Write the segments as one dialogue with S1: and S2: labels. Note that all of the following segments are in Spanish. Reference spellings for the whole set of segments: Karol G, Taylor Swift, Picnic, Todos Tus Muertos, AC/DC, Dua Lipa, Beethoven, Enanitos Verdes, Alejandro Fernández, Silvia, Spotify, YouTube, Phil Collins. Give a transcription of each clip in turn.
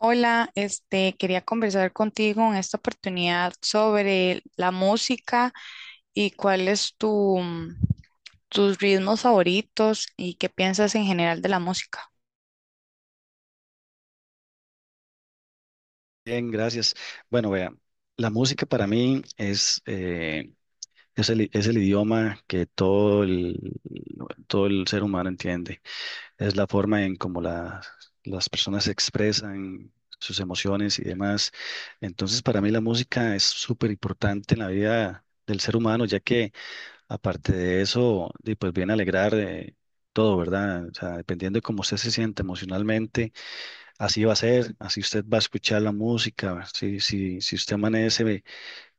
S1: Hola, este, quería conversar contigo en esta oportunidad sobre la música y cuál es tu, tus ritmos favoritos y qué piensas en general de la música.
S2: Bien, gracias. Bueno, vea, la música para mí es es el idioma que todo el ser humano entiende. Es la forma en cómo las personas expresan sus emociones y demás. Entonces, para mí la música es súper importante en la vida del ser humano, ya que aparte de eso, di, pues viene a alegrar todo, ¿verdad? O sea, dependiendo de cómo usted se siente emocionalmente, así va a ser, así usted va a escuchar la música. Si usted amanece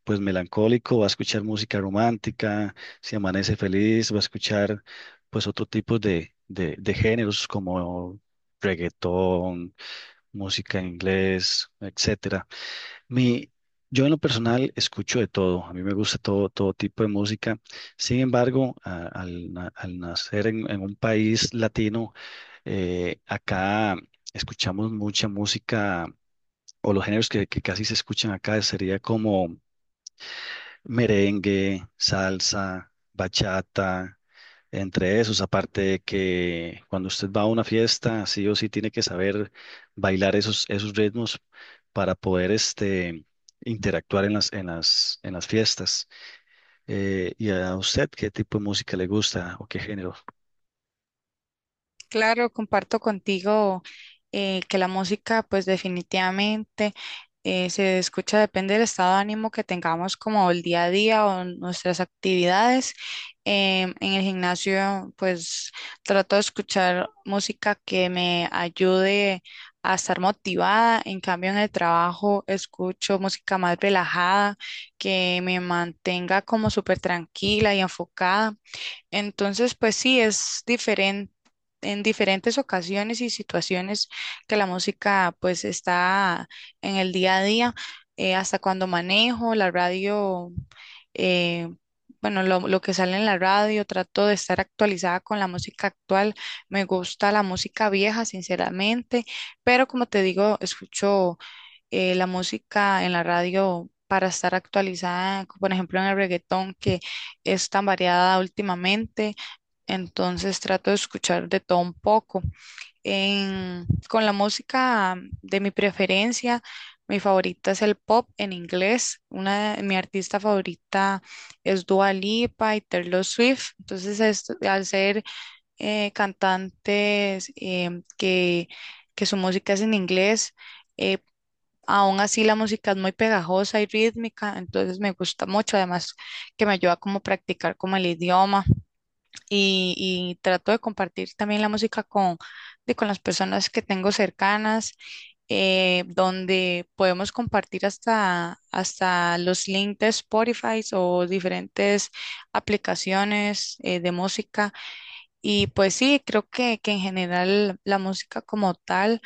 S2: pues melancólico, va a escuchar música romántica. Si amanece feliz, va a escuchar pues otro tipo de géneros como reggaetón, música en inglés, etcétera. Mi, yo en lo personal escucho de todo, a mí me gusta todo tipo de música. Sin embargo, al nacer en un país latino, acá escuchamos mucha música o los géneros que casi se escuchan acá sería como merengue, salsa, bachata. Entre esos, aparte de que cuando usted va a una fiesta, sí o sí tiene que saber bailar esos ritmos para poder este, interactuar en en las fiestas. ¿Y a usted qué tipo de música le gusta o qué género?
S1: Claro, comparto contigo que la música, pues definitivamente se escucha, depende del estado de ánimo que tengamos como el día a día o nuestras actividades. En el gimnasio, pues trato de escuchar música que me ayude a estar motivada. En cambio, en el trabajo escucho música más relajada, que me mantenga como súper tranquila y enfocada. Entonces, pues sí, es diferente en diferentes ocasiones y situaciones que la música pues está en el día a día, hasta cuando manejo la radio, eh, bueno, lo que sale en la radio, trato de estar actualizada con la música actual, me gusta la música vieja, sinceramente, pero como te digo, escucho la música en la radio, para estar actualizada, por ejemplo, en el reggaetón que es tan variada últimamente, entonces trato de escuchar de todo un poco. Con la música de mi preferencia, mi favorita es el pop en inglés. Mi artista favorita es Dua Lipa y Taylor Swift. Entonces, al ser cantantes que su música es en inglés, eh, aún así la música es muy pegajosa y rítmica. Entonces, me gusta mucho. Además, que me ayuda como a practicar como el idioma y trato de compartir también la música con, con las personas que tengo cercanas, donde podemos compartir hasta los links de Spotify o diferentes aplicaciones de música. Y pues sí, creo que en general la música como tal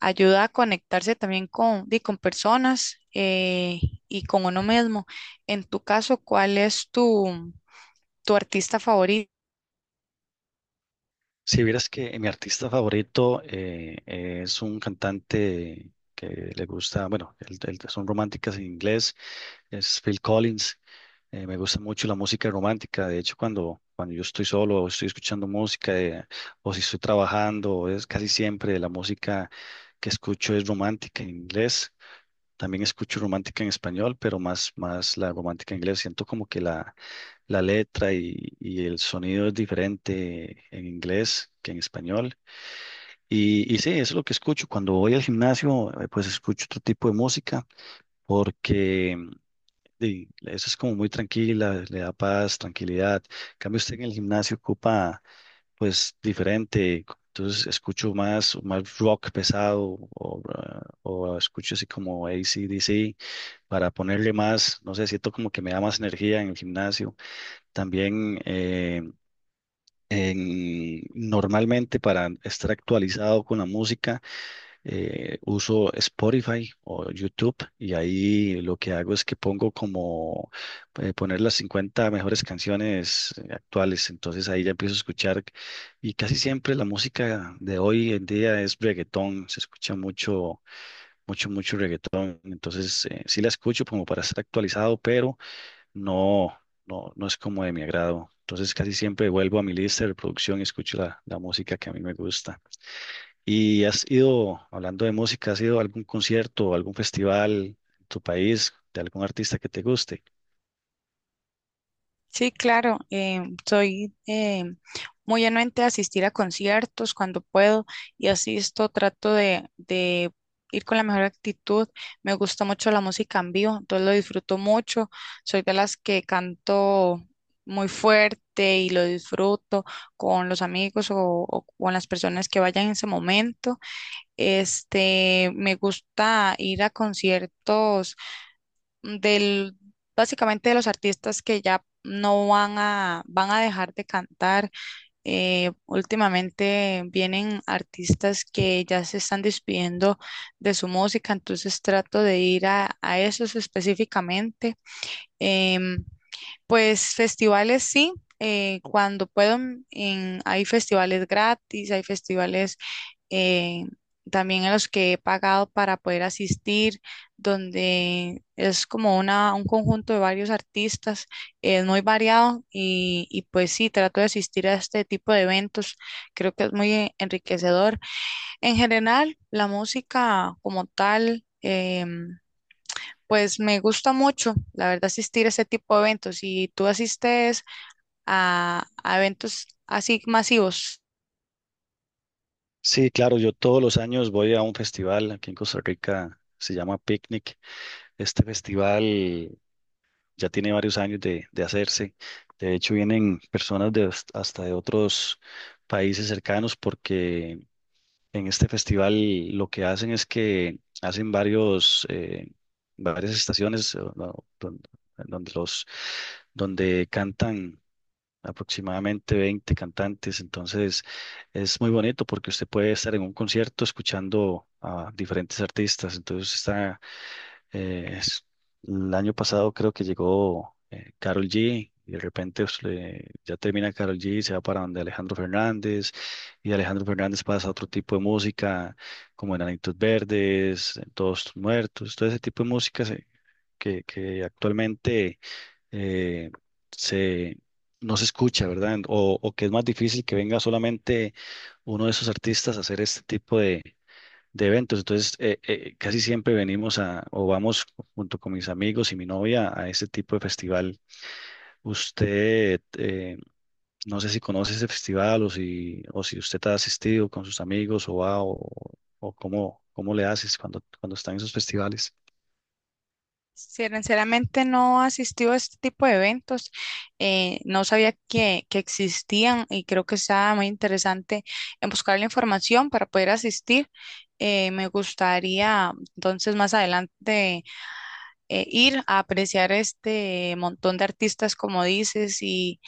S1: ayuda a conectarse también con, di, con personas y con uno mismo. En tu caso, ¿cuál es tu, tu artista?
S2: Si vieras que mi artista favorito es un cantante que le gusta, bueno, son románticas en inglés, es Phil Collins. Me gusta mucho la música romántica. De hecho, cuando yo estoy solo o estoy escuchando música o si estoy trabajando, es casi siempre la música que escucho es romántica en inglés. También escucho romántica en español, pero más la romántica en inglés. Siento como que la letra y el sonido es diferente en inglés que en español. Y sí, eso es lo que escucho. Cuando voy al gimnasio, pues escucho otro tipo de música porque sí, eso es como muy tranquila, le da paz, tranquilidad. En cambio, usted en el gimnasio ocupa, pues, diferente. Entonces, escucho más rock pesado o, ah, o escucho así como AC/DC, para ponerle más, no sé, siento como que me da más energía en el gimnasio. También, normalmente para estar actualizado con la música, uso Spotify o YouTube y ahí lo que hago es que pongo como poner las 50 mejores canciones actuales, entonces ahí ya empiezo a escuchar y casi siempre la música de hoy en día es reggaetón, se escucha mucho reggaetón. Entonces sí la escucho como para estar actualizado, pero no, no, es como de mi agrado. Entonces casi siempre vuelvo a mi lista de reproducción y escucho la música que a mí me gusta. ¿Y has ido, hablando de música, has ido a algún concierto o algún festival en tu país de algún artista que te guste?
S1: Sí, claro, soy muy anuente a asistir a conciertos cuando puedo y asisto, trato de ir con la mejor actitud. Me gusta mucho la música en vivo, entonces lo disfruto mucho. Soy de las que canto muy fuerte y lo disfruto con los amigos o con las personas que vayan en ese momento. Este, me gusta ir a conciertos del, básicamente de los artistas que ya no van a dejar de cantar. Últimamente vienen artistas que ya se están despidiendo de su música, entonces trato de ir a esos específicamente. Em, pues festivales sí. Cuando puedo, mm, hay festivales gratis, hay festivales eh, también en los que he pagado para poder asistir, donde es como un conjunto de varios artistas, es muy variado y pues sí, trato de asistir a este tipo de eventos, creo que es muy enriquecedor. En general, la música como tal, pues me gusta mucho, la verdad, asistir a este tipo de eventos. ¿Y tú asistes a eventos así masivos?
S2: Sí, claro, yo todos los años voy a un festival aquí en Costa Rica, se llama Picnic. Este festival ya tiene varios años de hacerse. De hecho, vienen personas de hasta de otros países cercanos porque en este festival lo que hacen es que hacen varias estaciones no, don- donde, los, donde cantan aproximadamente 20 cantantes. Entonces es muy bonito porque usted puede estar en un concierto escuchando a diferentes artistas. Entonces eh, es- el año pasado creo que llegó Karol G y de repente pues, ya termina Karol G y se va para donde Alejandro Fernández y Alejandro Fernández pasa a otro tipo de música como Enanitos Verdes, Todos Tus Muertos, todo ese tipo de música que actualmente eh, se, no se escucha, ¿verdad? O que es más difícil que venga solamente uno de esos artistas a hacer este tipo de eventos. Entonces, casi siempre venimos a, o vamos junto con mis amigos y mi novia a este tipo de festival. Usted, no sé si conoce ese festival o si usted ha asistido con sus amigos o va o cómo le haces cuando están en esos festivales.
S1: Sí, sinceramente no asistió a este tipo de eventos, no sabía que existían y creo que está muy interesante en buscar la información para poder asistir. Me gustaría entonces más adelante ir a apreciar este montón de artistas como dices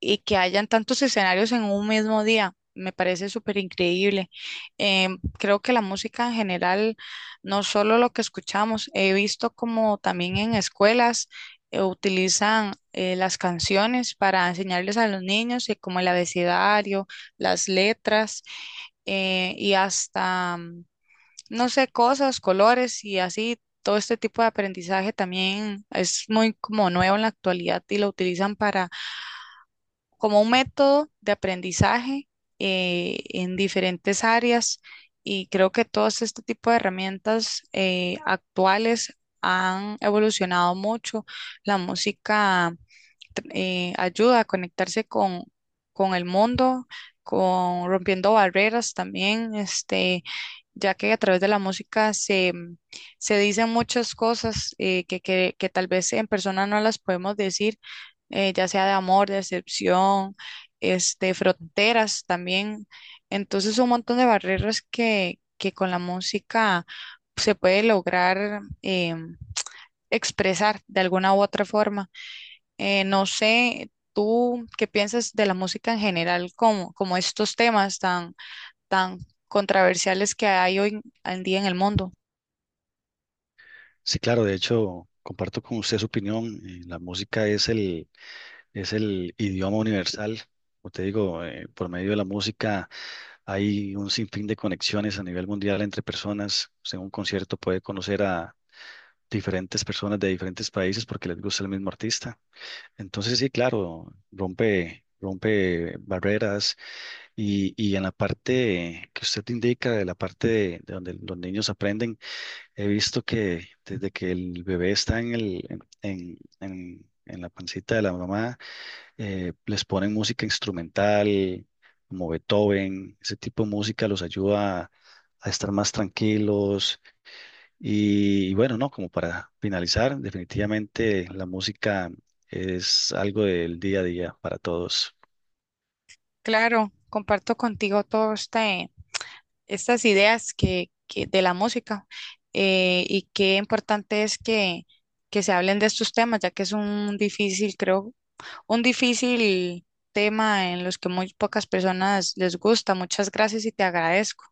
S1: y que hayan tantos escenarios en un mismo día. Me parece súper increíble. Creo que la música en general, no solo lo que escuchamos, he visto como también en escuelas utilizan las canciones para enseñarles a los niños, y como el abecedario, las letras y no sé, cosas, colores y así. Todo este tipo de aprendizaje también es muy como nuevo en la actualidad y lo utilizan para como un método de aprendizaje en diferentes áreas y creo que todos este tipo de herramientas actuales han evolucionado mucho. La música ayuda a conectarse con el mundo, con rompiendo barreras también, este, ya que a través de la música se, se dicen muchas cosas que tal vez en persona no las podemos decir, ya sea de amor, de decepción, este, fronteras también. Entonces, un montón de barreras que con la música se puede lograr expresar de alguna u otra forma. No sé, tú qué piensas de la música en general, como, como estos temas tan, tan controversiales que hay hoy en día en el mundo.
S2: Sí, claro, de hecho, comparto con usted su opinión. Eh, la música es el idioma universal. Como te digo, por medio de la música hay un sinfín de conexiones a nivel mundial entre personas. Usted en un concierto puede conocer a diferentes personas de diferentes países porque les gusta el mismo artista. Entonces, sí, claro, rompe barreras y en la parte que usted indica, de la parte de donde los niños aprenden, he visto que desde que el bebé está en el, en la pancita de la mamá, les ponen música instrumental como Beethoven, ese tipo de música los ayuda a estar más tranquilos. Y, bueno, no, como para finalizar, definitivamente la música es algo del día a día para todos.
S1: Claro, comparto contigo todas estas ideas que de la música y qué importante es que se hablen de estos temas, ya que es un difícil, creo, un difícil tema en los que muy pocas personas les gusta. Muchas gracias y te agradezco.